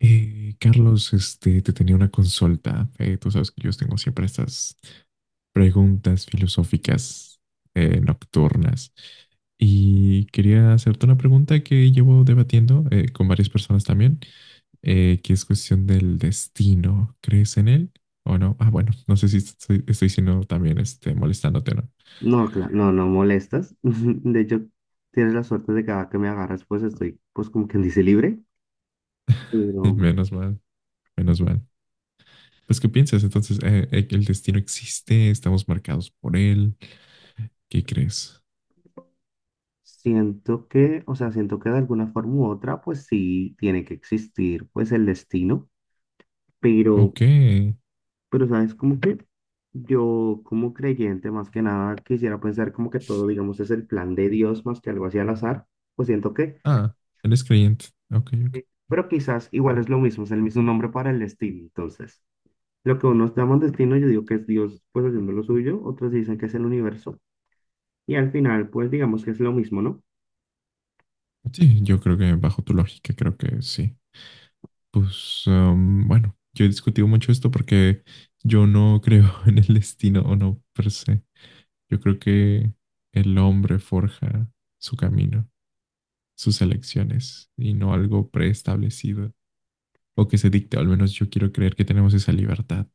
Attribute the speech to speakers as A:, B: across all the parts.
A: Carlos, te tenía una consulta. Tú sabes que yo tengo siempre estas preguntas filosóficas nocturnas. Y quería hacerte una pregunta que llevo debatiendo con varias personas también, que es cuestión del destino. ¿Crees en él o no? Ah, bueno, no sé si estoy siendo también molestándote o no.
B: No, claro no, no molestas. De hecho, tienes la suerte de que cada que me agarras, pues estoy, pues como quien dice, libre. Pero
A: Menos mal, menos mal. Pues, ¿qué piensas? Entonces, ¿el destino existe? ¿Estamos marcados por él? ¿Qué crees?
B: siento que, o sea, siento que de alguna forma u otra, pues sí tiene que existir, pues el destino. Pero,
A: Ok.
B: pero, ¿sabes? Como que yo, como creyente, más que nada, quisiera pensar como que todo, digamos, es el plan de Dios más que algo así al azar. Pues siento que,
A: Ah, eres creyente. Ok, ok.
B: pero quizás igual es lo mismo, es el mismo nombre para el destino, entonces. Lo que unos llaman destino, yo digo que es Dios pues haciendo lo suyo, otros dicen que es el universo. Y al final, pues digamos que es lo mismo, ¿no?
A: Sí, yo creo que bajo tu lógica, creo que sí. Pues bueno, yo he discutido mucho esto porque yo no creo en el destino o no per se. Yo creo que el hombre forja su camino, sus elecciones y no algo preestablecido o que se dicte. Al menos yo quiero creer que tenemos esa libertad,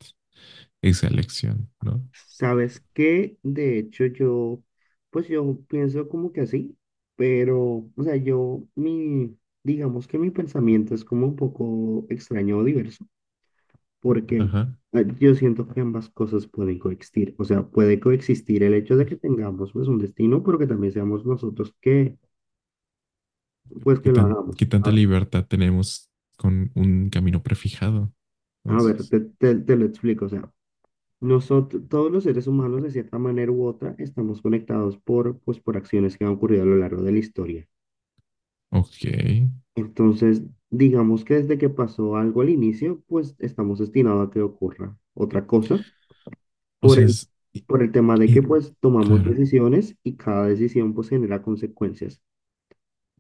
A: esa elección, ¿no?
B: Sabes que, de hecho, yo, pues yo pienso como que así, pero, o sea, yo, mi, digamos que mi pensamiento es como un poco extraño o diverso, porque
A: Ajá.
B: yo siento que ambas cosas pueden coexistir. O sea, puede coexistir el hecho de que tengamos pues un destino, pero que también seamos nosotros que,
A: Pero
B: pues que lo hagamos.
A: ¿qué tanta libertad tenemos con un camino prefijado?
B: A ver,
A: Entonces,
B: te, te lo explico, o sea. Nosotros, todos los seres humanos, de cierta manera u otra, estamos conectados por, pues, por acciones que han ocurrido a lo largo de la historia.
A: ok.
B: Entonces, digamos que desde que pasó algo al inicio, pues estamos destinados a que ocurra otra cosa
A: O
B: por
A: sea,
B: el, por el tema de que
A: y-
B: pues tomamos
A: claro,
B: decisiones y cada decisión pues genera consecuencias.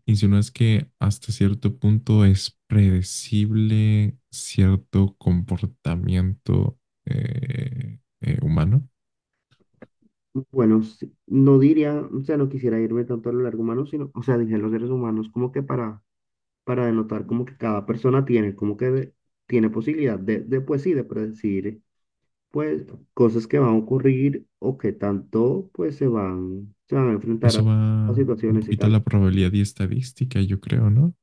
A: insinúas que hasta cierto punto es predecible cierto comportamiento humano.
B: Bueno, sí, no diría, o sea, no quisiera irme tanto a lo largo humano, sino, o sea, dije los seres humanos como que para denotar como que cada persona tiene como que de- tiene posibilidad de pues sí, de predecir pues cosas que van a ocurrir o que tanto pues se van a enfrentar
A: Eso
B: a
A: va un
B: situaciones y
A: poquito a
B: tal.
A: la probabilidad y estadística, yo creo, ¿no?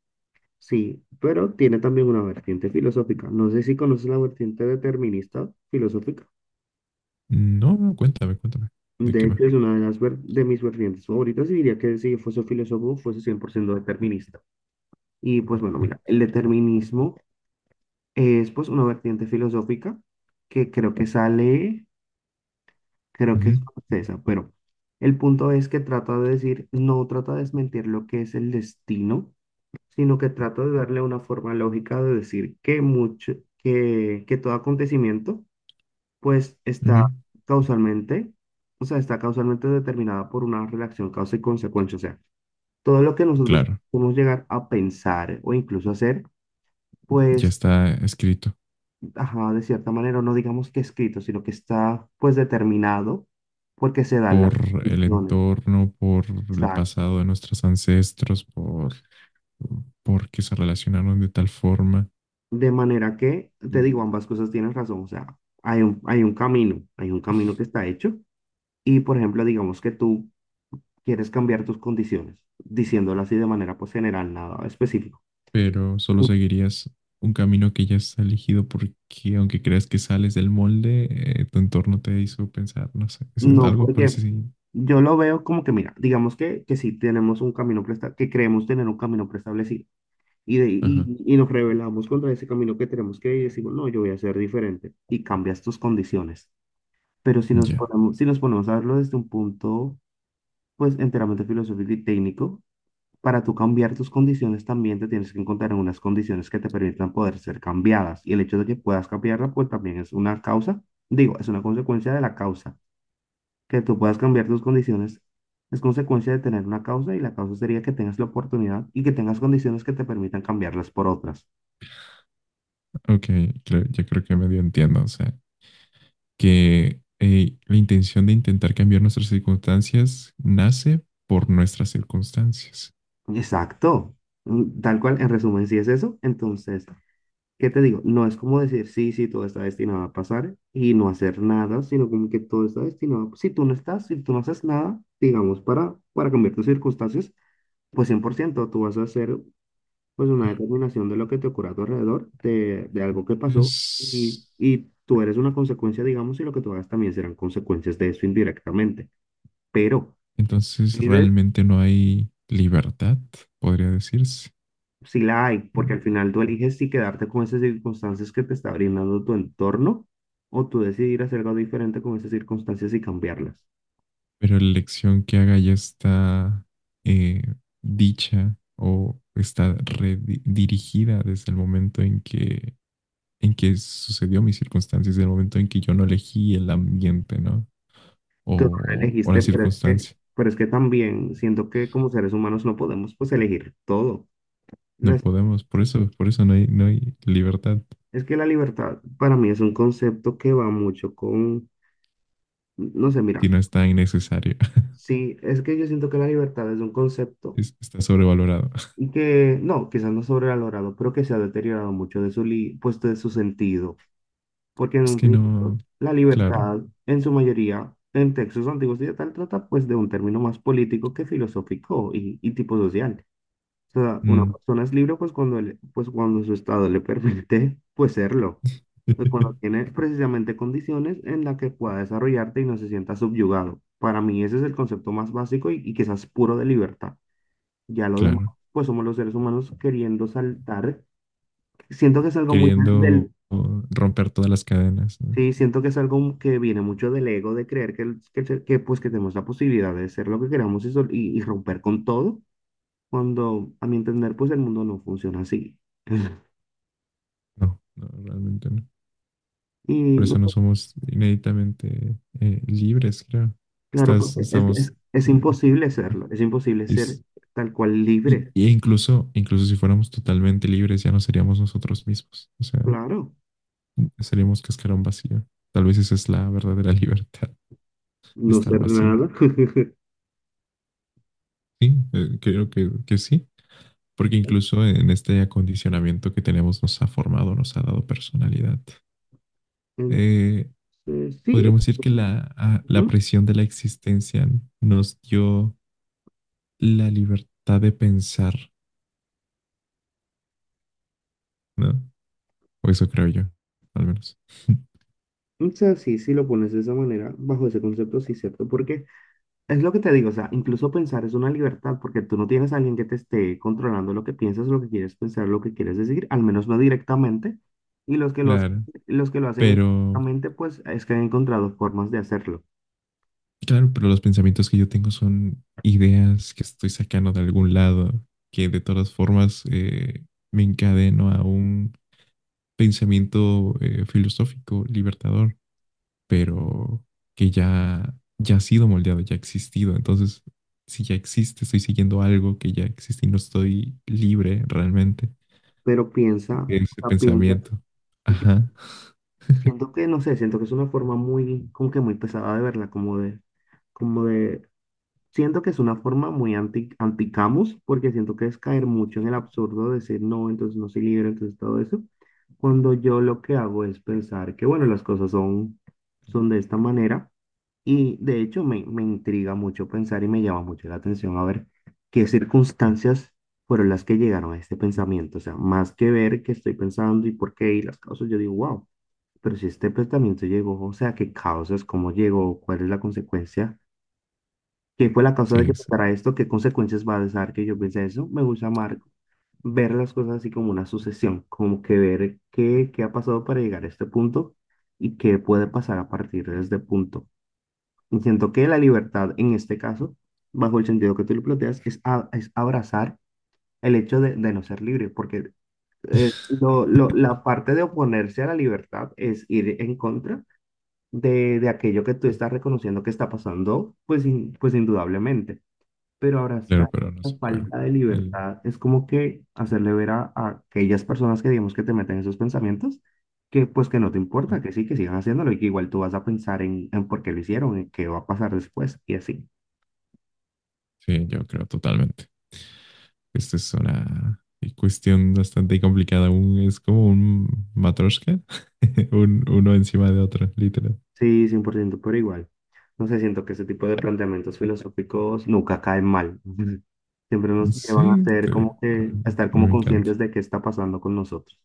B: Sí, pero tiene también una vertiente filosófica. No sé si conoces la vertiente determinista filosófica.
A: No, no, cuéntame, cuéntame. ¿De
B: De
A: qué
B: hecho,
A: va?
B: es una de las ver- de mis vertientes favoritas y diría que si yo fuese filósofo, fuese 100% determinista. Y pues bueno,
A: Oh,
B: mira, el determinismo es pues una vertiente filosófica que creo que sale. Creo que es
A: ujú,
B: francesa, pero el punto es que trata de decir, no trata de desmentir lo que es el destino, sino que trata de darle una forma lógica de decir que mucho, que todo acontecimiento, pues
A: ujú.
B: está causalmente, o sea, está causalmente determinada por una relación causa y consecuencia. O sea, todo lo que nosotros
A: Claro,
B: podemos llegar a pensar o incluso hacer,
A: ya
B: pues,
A: está escrito.
B: ajá, de cierta manera, no digamos que escrito, sino que está, pues, determinado porque se dan las
A: Por el
B: condiciones.
A: entorno, por el
B: Exacto.
A: pasado de nuestros ancestros, por que se relacionaron de tal forma,
B: De manera que, te digo, ambas cosas tienen razón. O sea, hay un camino que está hecho. Y, por ejemplo, digamos que tú quieres cambiar tus condiciones, diciéndolo así de manera pues general, nada específico.
A: pero solo
B: Mm,
A: seguirías un camino que ya está elegido porque aunque creas que sales del molde, tu entorno te hizo pensar, no sé, eso es
B: no,
A: algo por
B: porque
A: ese sí.
B: yo lo veo como que, mira, digamos que sí tenemos un camino presta que creemos tener un camino preestablecido. Y, de,
A: Ajá,
B: y nos rebelamos contra ese camino que tenemos que ir y decimos, no, yo voy a ser diferente. Y cambias tus condiciones. Pero si nos
A: ya,
B: ponemos, si nos ponemos a verlo desde un punto pues enteramente filosófico y técnico. Para tú cambiar tus condiciones también te tienes que encontrar en unas condiciones que te permitan poder ser cambiadas. Y el hecho de que puedas cambiarla, pues también es una causa, digo, es una consecuencia de la causa. Que tú puedas cambiar tus condiciones es consecuencia de tener una causa y la causa sería que tengas la oportunidad y que tengas condiciones que te permitan cambiarlas por otras.
A: ok, ya creo que medio entiendo, o sea, que la intención de intentar cambiar nuestras circunstancias nace por nuestras circunstancias.
B: Exacto. Mm, tal cual, en resumen, si es eso, entonces ¿qué te digo? No es como decir, sí, sí, todo está destinado a pasar y no hacer nada, sino como que todo está destinado. Si tú no estás, si tú no haces nada, digamos, para cambiar tus circunstancias, pues 100% tú vas a hacer pues una determinación de lo que te ocurre a tu alrededor, de algo que pasó
A: Es
B: y tú eres una consecuencia, digamos, y lo que tú hagas también serán consecuencias de eso indirectamente. Pero
A: Entonces
B: si
A: realmente no hay libertad, podría decirse,
B: si la hay, porque al final tú eliges si quedarte con esas circunstancias que te está brindando tu entorno o tú decidir hacer algo diferente con esas circunstancias y cambiarlas.
A: pero la elección que haga ya está eh, dicha o está redirigida desde el momento en que sucedió mis circunstancias, desde el momento en que yo no elegí el ambiente, ¿no?
B: Tú no la
A: O la
B: elegiste,
A: circunstancia.
B: pero es que también siento que como seres humanos no podemos pues elegir todo.
A: No
B: Las-
A: podemos, por eso, no hay, no hay libertad,
B: es que la libertad para mí es un concepto que va mucho con, no sé,
A: si
B: mira,
A: no está innecesario,
B: sí, es que yo siento que la libertad es un concepto
A: está sobrevalorado.
B: y que, no, quizás no sobrevalorado, pero que se ha deteriorado mucho de su, li- pues, de su sentido porque en
A: Es
B: un
A: que no,
B: principio la
A: claro,
B: libertad, en su mayoría, en textos antiguos y de tal, trata pues de un término más político que filosófico y tipo social. O sea, una
A: mm.
B: persona es libre pues cuando, le- pues cuando su estado le permite pues serlo, pues, cuando tiene precisamente condiciones en las que pueda desarrollarte y no se sienta subyugado. Para mí ese es el concepto más básico y quizás puro de libertad. Ya lo demás,
A: Claro.
B: pues somos los seres humanos queriendo saltar. Siento que es algo muy del.
A: Queriendo romper todas las cadenas. No,
B: Sí, siento que es algo que viene mucho del ego, de creer que, el ser- que, pues, que tenemos la posibilidad de ser lo que queramos y, sol- y romper con todo, cuando a mi entender, pues el mundo no funciona así.
A: no, no realmente no.
B: Y
A: Por eso no
B: no,
A: somos inéditamente libres, creo.
B: claro, porque
A: Estamos...
B: es
A: eh,
B: imposible
A: ajá,
B: serlo, es imposible ser
A: es-
B: tal cual libre,
A: y incluso, incluso si fuéramos totalmente libres, ya no seríamos nosotros mismos. O sea,
B: claro,
A: seríamos cascarón vacío. Tal vez esa es la verdadera libertad,
B: no
A: estar
B: ser
A: vacío.
B: nada.
A: Sí, creo que sí. Porque incluso en este acondicionamiento que tenemos nos ha formado, nos ha dado personalidad.
B: Entonces,
A: Eh,
B: sí,
A: Podríamos decir que la
B: ujú,
A: presión de la existencia nos dio la libertad de pensar, ¿no? O eso creo yo, al menos.
B: o sea, sí, si lo pones de esa manera, bajo ese concepto, sí, cierto, porque es lo que te digo, o sea, incluso pensar es una libertad porque tú no tienes a alguien que te esté controlando lo que piensas, lo que quieres pensar, lo que quieres decir, al menos no directamente. Y los que lo hacen,
A: Claro.
B: los que lo hacen
A: Pero,
B: indirectamente, pues es que han encontrado formas de hacerlo.
A: claro, pero los pensamientos que yo tengo son ideas que estoy sacando de algún lado, que de todas formas me encadeno a un pensamiento filosófico libertador. Pero que ya ha sido moldeado, ya ha existido. Entonces, si ya existe, estoy siguiendo algo que ya existe y no estoy libre realmente
B: Pero piensa,
A: de
B: o
A: ese
B: sea, piensa,
A: pensamiento.
B: yo
A: Ajá,
B: siento que, no sé, siento que es una forma muy, como que muy pesada de verla, como de, siento que es una forma muy anti, anticamus, porque siento que es caer mucho en el absurdo de decir no, entonces no soy libre, entonces todo eso. Cuando yo lo que hago es pensar que, bueno, las cosas son, son de esta manera, y de hecho me, me intriga mucho pensar y me llama mucho la atención a ver qué circunstancias fueron las que llegaron a este pensamiento. O sea, más que ver qué estoy pensando y por qué y las causas, yo digo, wow, pero si este pensamiento llegó, o sea, qué causas, cómo llegó, cuál es la consecuencia. ¿Qué fue la causa de que
A: sí, sí,
B: pasara esto? ¿Qué consecuencias va a dejar que yo piense eso? Me gusta, Marco, ver las cosas así como una sucesión, como que ver qué, qué ha pasado para llegar a este punto y qué puede pasar a partir de este punto. Y siento que la libertad en este caso, bajo el sentido que tú lo planteas, es, a- es abrazar el hecho de no ser libre, porque lo- la parte de oponerse a la libertad es ir en contra de aquello que tú estás reconociendo que está pasando, pues, in- pues indudablemente, pero abrazar
A: claro, pero no
B: la
A: se puede.
B: falta de
A: El-
B: libertad es como que hacerle ver a aquellas personas que digamos que te meten esos pensamientos, que pues que no te importa, que sí, que sigan haciéndolo y que igual tú vas a pensar en por qué lo hicieron, en qué va a pasar después y así.
A: sí, yo creo totalmente. Esta es una cuestión bastante complicada. Es como un matroshka, un, uno encima de otro, literal.
B: Sí, 100% pero igual. No sé, siento que ese tipo de planteamientos filosóficos nunca caen mal. Siempre nos llevan a
A: Sí,
B: hacer como
A: a
B: que,
A: mí,
B: a estar
A: a mí
B: como
A: me encanta.
B: conscientes de qué está pasando con nosotros.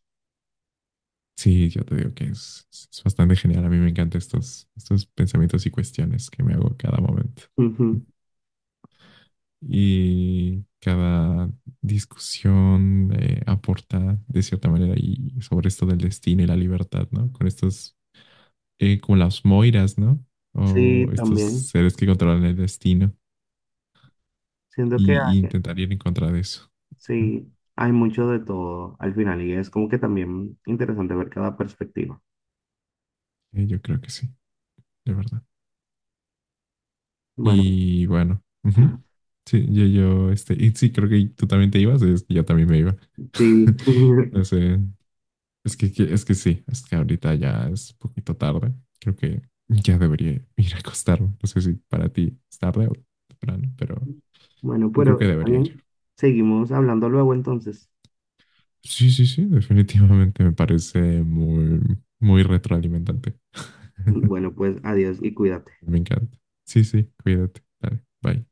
A: Sí, yo te digo que es bastante genial. A mí me encantan estos, estos pensamientos y cuestiones que me hago cada momento.
B: Ujú.
A: Y cada discusión aporta de cierta manera y sobre esto del destino y la libertad, ¿no? Con estos, como las moiras, ¿no? O
B: Sí,
A: estos
B: también.
A: seres que controlan el destino
B: Siento que
A: y
B: hay,
A: intentar ir en contra de eso. Ujú.
B: sí, hay mucho de todo al final y es como que también interesante ver cada perspectiva.
A: Yo creo que sí, de verdad.
B: Bueno,
A: Y bueno, ujú. Sí, y sí, creo que tú también te ibas, es que yo también me iba.
B: sí.
A: No sé, es es que sí, es que ahorita ya es poquito tarde. Creo que ya debería ir a acostarme. No sé si para ti es tarde o temprano, pero
B: Bueno,
A: yo creo
B: pero
A: que
B: está
A: debería ir.
B: bien. Seguimos hablando luego entonces.
A: Sí, sí, sí, definitivamente me parece muy, muy retroalimentante.
B: Bueno, pues adiós y cuídate.
A: Me encanta. Sí, sí, cuídate. Dale, bye.